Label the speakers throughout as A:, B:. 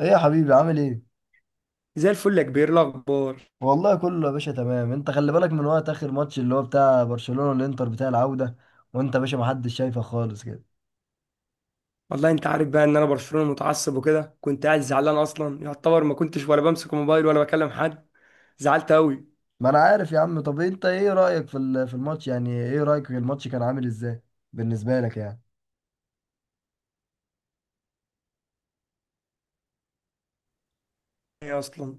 A: ايه يا حبيبي عامل ايه؟
B: زي الفل يا كبير، إيه الاخبار؟
A: والله كله يا باشا تمام، انت خلي بالك من وقت اخر ماتش اللي هو بتاع برشلونة والانتر بتاع العودة. وانت يا باشا ما حدش شايفك خالص كده.
B: والله انت عارف بقى ان انا برشلونه متعصب وكده، كنت قاعد زعلان اصلا، يعتبر ما كنتش ولا بمسك الموبايل ولا بكلم حد. زعلت قوي.
A: ما انا عارف يا عم. طب انت ايه رأيك في الماتش؟ يعني ايه رأيك في الماتش؟ كان عامل ازاي بالنسبة لك يعني؟
B: ايه اصلا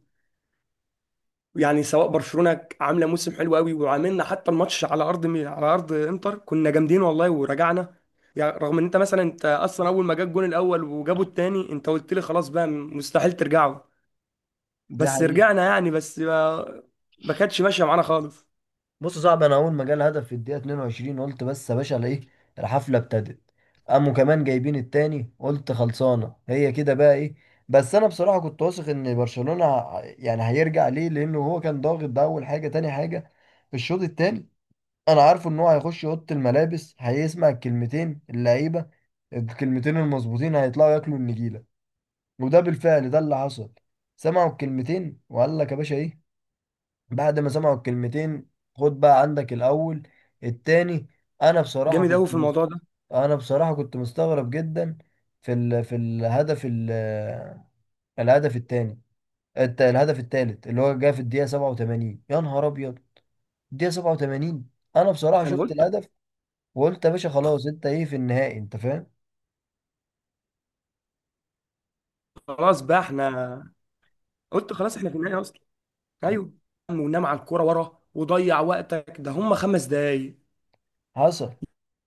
B: يعني، سواء برشلونه عامله موسم حلو قوي وعاملنا، حتى الماتش على ارض على ارض انتر كنا جامدين والله ورجعنا. يعني رغم ان انت مثلا، انت اصلا اول ما جاب الجون الاول وجابوا التاني انت قلت لي خلاص بقى مستحيل ترجعوا.
A: ده
B: بس
A: حقيقي.
B: رجعنا يعني، بس ما كانتش ماشيه معانا خالص.
A: بص يا صاحبي، انا اول ما جالي هدف في الدقيقه 22 قلت بس يا باشا على ايه. الحفله ابتدت. قاموا كمان جايبين التاني قلت خلصانه هي كده بقى ايه. بس انا بصراحه كنت واثق ان برشلونه يعني هيرجع ليه، لانه هو كان ضاغط. ده اول حاجه. تاني حاجه الشوط التاني، انا عارفه ان هو هيخش اوضه الملابس هيسمع الكلمتين اللعيبه، الكلمتين المظبوطين، هيطلعوا ياكلوا النجيله. وده بالفعل ده اللي حصل. سمعوا الكلمتين وقال لك يا باشا ايه بعد ما سمعوا الكلمتين. خد بقى عندك الأول، التاني. أنا بصراحة
B: جامد
A: كنت
B: قوي في
A: مس-
B: الموضوع ده.
A: أنا بصراحة كنت مستغرب جدا في الهدف الهدف التاني الهدف التالت اللي هو جه في الدقيقة 87. يا نهار أبيض الدقيقة 87. أنا بصراحة
B: انا
A: شفت
B: قلت
A: الهدف وقلت يا باشا خلاص أنت إيه في النهائي أنت فاهم.
B: خلاص بقى احنا، قلت خلاص احنا في النهايه اصلا. ايوه، ونام على الكوره ورا وضيع وقتك، ده هم خمس دقايق.
A: حصل.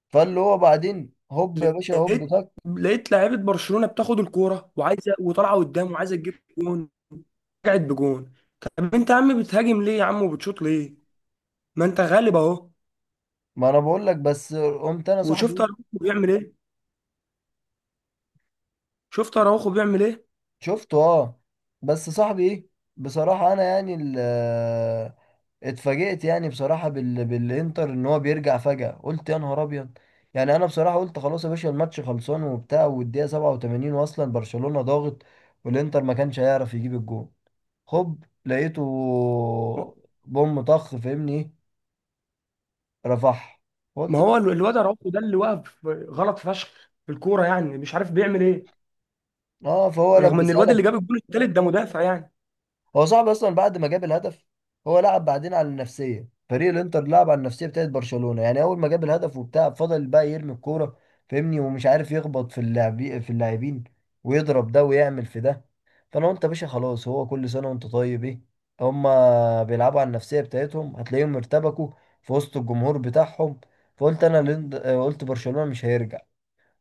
A: فاللي هو بعدين هوب يا باشا هوب
B: لقيت
A: طك.
B: لقيت لعيبه برشلونه بتاخد الكوره وعايزه وطالعه قدام وعايزه تجيب جون. رجعت بجون. طب انت يا عم بتهاجم ليه يا عم وبتشوط ليه؟ ما انت غالب اهو.
A: ما أنا بقول لك. بس قمت أنا
B: وشفت
A: صاحبي
B: اراوخو بيعمل ايه؟ شفت اراوخو بيعمل ايه
A: شفته، اه. بس صاحبي ايه، بصراحة انا يعني اتفاجئت يعني بصراحة بالانتر ان هو بيرجع فجأة. قلت يا نهار ابيض. يعني انا بصراحة قلت خلاص يا باشا الماتش خلصان وبتاع والدقيقة 87 واصلا برشلونة ضاغط، والانتر ما كانش هيعرف يجيب الجون. خب لقيته. بوم طخ فاهمني ايه؟ رفح.
B: ما
A: قلت
B: هو
A: بس.
B: الواد اراوخو ده اللي واقف غلط فشخ في الكوره، يعني مش عارف بيعمل ايه.
A: اه فهو
B: رغم ان
A: لبسها.
B: الواد اللي جاب الجون التالت ده مدافع يعني.
A: هو صعب اصلا بعد ما جاب الهدف. هو لعب بعدين على النفسيه، فريق الانتر لعب على النفسيه بتاعت برشلونه. يعني اول ما جاب الهدف وبتاع فضل بقى يرمي الكوره، فاهمني، ومش عارف يخبط في اللاعبين، ويضرب ده ويعمل في ده. فانا قلت يا باشا خلاص هو كل سنه وانت طيب ايه. هما بيلعبوا على النفسيه بتاعتهم، هتلاقيهم ارتبكوا في وسط الجمهور بتاعهم. فقلت انا قلت برشلونه مش هيرجع.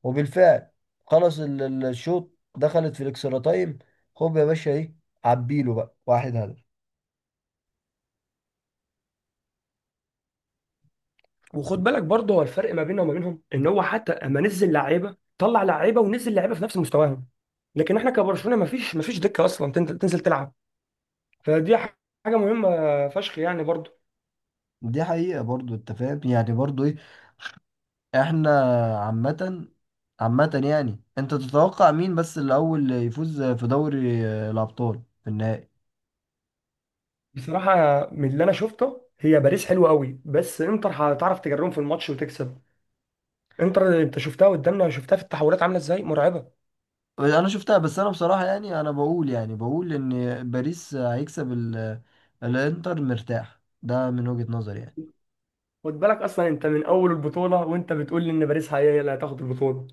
A: وبالفعل خلص الشوط. دخلت في الاكسترا تايم. هوب يا باشا ايه عبيله بقى واحد هدف.
B: وخد بالك برضه، هو الفرق ما بيننا وما بينهم ان هو حتى اما نزل لعيبه، طلع لعيبه ونزل لعيبه في نفس مستواهم. لكن احنا كبرشلونه، ما فيش دكه اصلا تنزل تلعب. فدي ح- حاجه مهمه فشخ يعني برضه.
A: دي حقيقة برضو انت فاهم يعني برضو ايه. احنا عامة، عامة يعني انت تتوقع مين بس الاول يفوز في دوري الابطال في النهائي؟
B: بصراحه، من اللي انا شفته، هي باريس حلوه قوي بس انتر هتعرف تجرهم في الماتش وتكسب. انتر انت شفتها قدامنا، شفتها في التحولات عامله ازاي، مرعبه.
A: انا شفتها بس انا بصراحة يعني انا بقول، يعني بقول ان باريس هيكسب الانتر مرتاح، ده من وجهة نظري يعني.
B: خد بالك اصلا، انت من اول البطوله وانت بتقول لي ان باريس هي اللي هتاخد البطوله.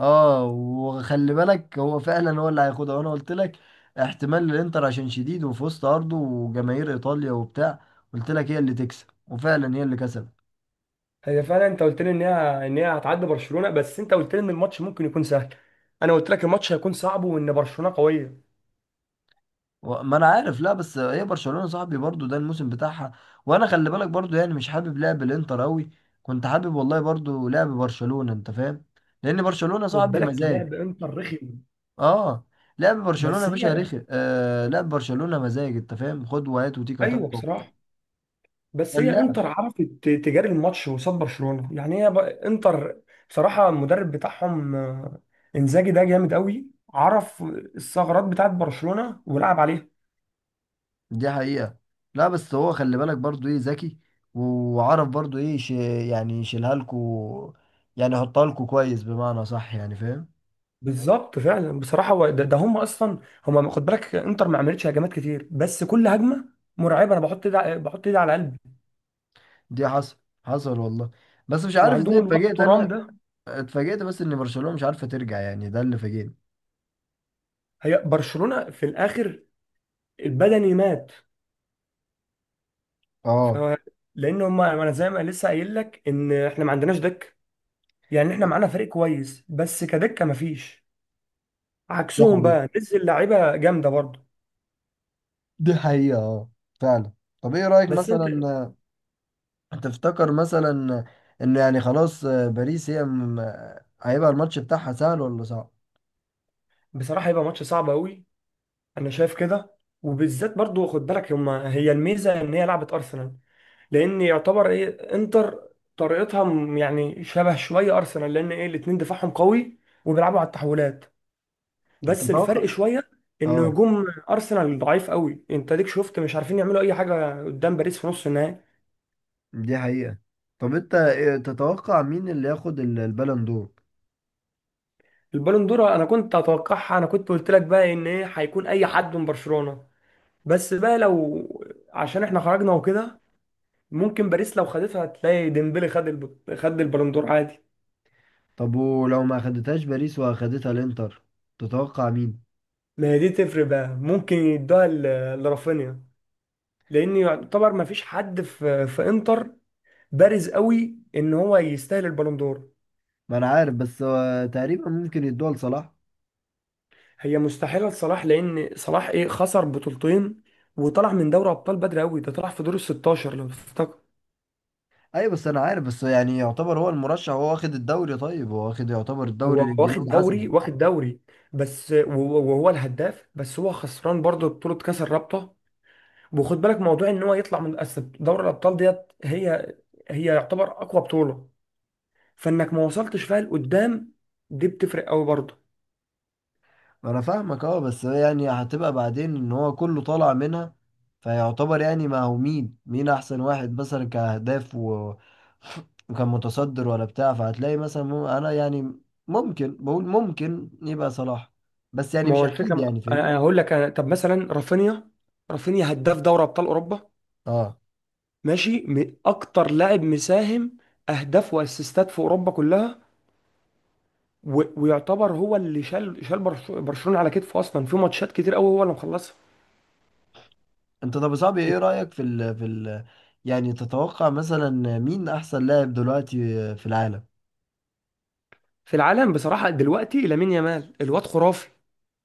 A: اه، وخلي بالك هو فعلا هو اللي هياخدها وانا قلت لك احتمال للانتر عشان شديد وفي وسط ارضه وجماهير ايطاليا وبتاع. قلت لك هي اللي تكسب وفعلا هي اللي كسبت.
B: هي فعلا انت قلت لي ان هي هتعدي برشلونه، بس انت قلت لي ان الماتش ممكن يكون سهل. انا قلت لك الماتش هيكون صعب وان برشلونه قويه.
A: ما انا عارف، لا بس هي برشلونة صاحبي برضو ده الموسم بتاعها. وانا خلي بالك برضو يعني مش حابب لعب الانتر قوي، كنت حابب والله برضو لعب برشلونة انت فاهم، لان برشلونة
B: خد
A: صاحبي
B: بالك،
A: مزاج.
B: لعب انتر رخم.
A: اه. لعب برشلونة
B: بس
A: يا باشا
B: هي،
A: رخي، آه لعب برشلونة مزاج، انت فاهم، خد وهات وتيكا
B: ايوه
A: تاكا.
B: بصراحه، بس هي
A: كان.
B: انتر عرفت تجاري الماتش قصاد برشلونه يعني. هي انتر بصراحه المدرب بتاعهم انزاجي ده جامد قوي. عرف الثغرات بتاعت برشلونه ولعب عليها.
A: دي حقيقة. لا بس هو خلي بالك برضو ايه ذكي، وعرف برضو ايه يعني يشيلها لكو، يعني يحطها لكو كويس بمعنى صح يعني فاهم.
B: بالظبط فعلا بصراحه، هو ده، هم اصلا. هم خد بالك، انتر ما عملتش هجمات كتير بس كل هجمه مرعبه. انا بحط بحط ايدي على قلبي.
A: دي حصل. حصل والله. بس مش عارف ازاي
B: وعندهم الواد
A: اتفاجئت
B: ترام
A: انا.
B: ده.
A: اتفاجئت بس ان برشلونة مش عارفة ترجع يعني ده اللي فاجئني.
B: هي برشلونه في الاخر البدني مات. ف
A: اه
B: لان هم، انا زي ما لسه قايل لك ان احنا ما عندناش دك. يعني احنا معانا فريق كويس بس كدكه ما فيش.
A: دي
B: عكسهم
A: حقيقة.
B: بقى نزل لعيبه جامده برضه.
A: دي حقيقة اه. فعلا. طب ايه رأيك
B: بس انت
A: مثلا، تفتكر مثلا ان يعني خلاص باريس هي م... آه، هيبقى الماتش بتاعها سهل ولا صعب؟
B: بصراحه، هيبقى ماتش صعب قوي. انا شايف كده. وبالذات برضو خد بالك، هما هي الميزه ان هي لعبه ارسنال. لان يعتبر ايه انتر طريقتها يعني شبه شويه ارسنال. لان ايه الاتنين دفاعهم قوي وبيلعبوا على التحولات. بس الفرق
A: تتوقع.
B: شويه ان
A: اه
B: هجوم ارسنال ضعيف قوي. انت ليك شفت مش عارفين يعملوا اي حاجه قدام باريس في نص النهائي.
A: دي حقيقة. طب انت تتوقع مين اللي ياخد البالون دور؟
B: البالون دور انا كنت اتوقعها، انا كنت قلت لك بقى ان ايه هيكون اي حد من برشلونه. بس بقى لو، عشان احنا خرجنا وكده، ممكن باريس لو خدتها هتلاقي ديمبلي خد خد البالندور عادي.
A: طب ولو ما اخدتهاش باريس واخدتها الانتر تتوقع مين؟
B: ما هي دي تفرق بقى، ممكن يدوها لرافينيا. لان يعتبر ما فيش حد في انتر بارز قوي ان هو يستاهل البالندور.
A: ما انا عارف بس هو تقريبا ممكن يدوها لصلاح.
B: هي مستحيله لصلاح، لان صلاح ايه خسر بطولتين وطلع من دوري ابطال بدري قوي، ده طلع في دور ال 16 لو تفتكر.
A: ايوه بس انا عارف، بس يعني يعتبر هو المرشح، هو واخد الدوري، طيب هو واخد يعتبر الدوري
B: هو واخد
A: الانجليزي
B: دوري
A: حسب.
B: واخد دوري بس، وهو الهداف، بس هو خسران برضه بطوله كاس الرابطه. وخد بالك موضوع ان هو يطلع من أصل دوري الابطال ديت. هي، هي يعتبر اقوى بطوله، فانك ما وصلتش فيها لقدام، دي بتفرق قوي برضه.
A: انا فاهمك اه، بس هي يعني هتبقى بعدين ان هو كله طالع منها فيعتبر يعني ما هو مين مين احسن واحد مثلا كاهداف و... وكان متصدر ولا بتاع، فهتلاقي مثلا انا يعني ممكن بقول ممكن يبقى صلاح، بس يعني
B: ما هو
A: مش
B: الفكره
A: اكيد يعني
B: انا
A: فاهمني.
B: هقول لك. أنا طب مثلا رافينيا، رافينيا هداف دوري ابطال اوروبا
A: اه.
B: ماشي، اكتر لاعب مساهم اهداف واسيستات في اوروبا كلها. و... ويعتبر هو اللي شال برشلونه على كتفه اصلا في ماتشات كتير قوي، هو اللي مخلصها.
A: انت طب يا صاحبي ايه رأيك يعني تتوقع مثلا مين احسن لاعب دلوقتي في العالم؟
B: في العالم بصراحه دلوقتي لامين يامال، الواد خرافي.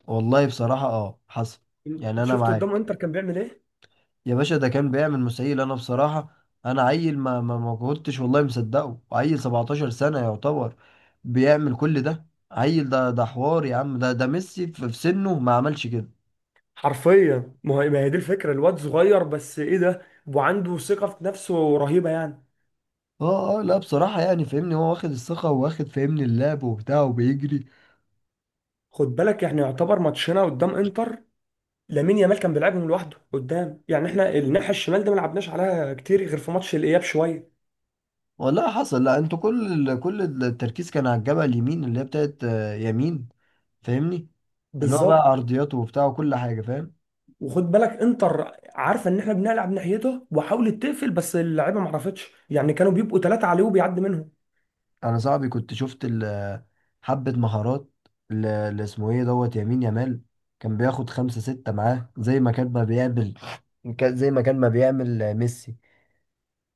A: والله بصراحة اه حصل. يعني
B: انت
A: انا
B: شفته قدام
A: معاك
B: انتر كان بيعمل ايه؟
A: يا باشا، ده كان بيعمل مسائل. انا بصراحة انا عيل ما ما ما كنتش والله مصدقه، عيل 17 سنة يعتبر بيعمل كل ده. عيل ده حوار يا عم، ده ميسي في سنه ما عملش كده.
B: حرفيا، ما هي دي الفكره، الواد صغير بس ايه ده وعنده ثقه في نفسه رهيبه يعني.
A: اه، لا بصراحة يعني فاهمني هو واخد الثقة واخد فاهمني اللعب وبتاع وبيجري.
B: خد بالك، احنا يعتبر ماتشنا قدام انتر لامين يامال كان بيلعبهم لوحده قدام. يعني احنا الناحيه الشمال ده ما لعبناش عليها كتير غير في ماتش الاياب شويه.
A: والله حصل. لا انتوا كل كل التركيز كان على الجبهة اليمين اللي هي بتاعت يمين، فاهمني، اللي هو بقى
B: بالظبط.
A: عرضياته وبتاع وكل حاجة فاهم.
B: وخد بالك انتر عارفه ان احنا بنلعب ناحيته وحاولت تقفل بس اللعيبه ما عرفتش، يعني كانوا بيبقوا ثلاثه عليه وبيعدي منهم.
A: انا صاحبي كنت شفت حبة مهارات، اللي اسمه ايه دوت يمين يامال كان بياخد خمسة ستة معاه زي ما كان ما بيعمل، كان زي ما كان ما بيعمل ميسي.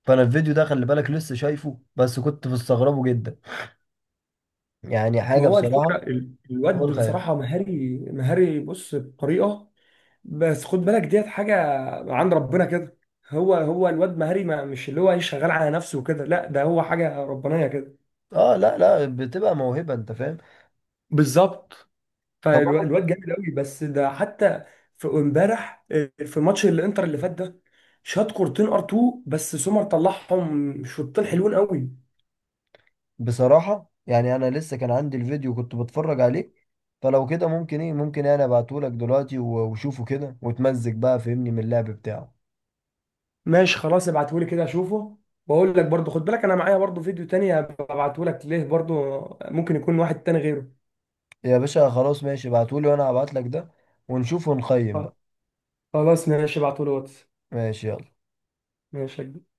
A: فانا الفيديو ده خلي بالك لسه شايفه بس كنت مستغربه جدا يعني.
B: ما
A: حاجة
B: هو الفكره
A: بصراحة فوق
B: الواد
A: الخيال.
B: بصراحه مهاري، مهاري بص بطريقه. بس خد بالك ديت حاجه عند ربنا كده. هو الواد مهاري، ما مش اللي هو ايه شغال على نفسه وكده، لا ده هو حاجه ربانيه كده.
A: اه، لا لا، بتبقى موهبة انت فاهم.
B: بالظبط.
A: طب انا
B: فالواد جامد قوي، بس ده حتى في امبارح في ماتش الانتر اللي فات ده شاط كورتين ار 2، بس سومر طلعهم شوطين حلوين قوي.
A: بصراحة يعني انا لسه كان عندي الفيديو كنت بتفرج عليه فلو كده ممكن ايه ممكن انا ابعتهولك دلوقتي وشوفه كده وتمزج بقى فهمني من اللعب بتاعه.
B: ماشي خلاص، ابعته لي كده اشوفه واقول لك. برضو خد بالك انا معايا برضو فيديو تاني، ابعته لك ليه برضو، ممكن يكون واحد تاني غيره.
A: يا باشا خلاص ماشي ابعتولي وانا هبعتلك ده ونشوف ونقيم بقى.
B: خلاص ماشي، ابعته لي واتس.
A: ماشي يلا.
B: ماشي يا كبير.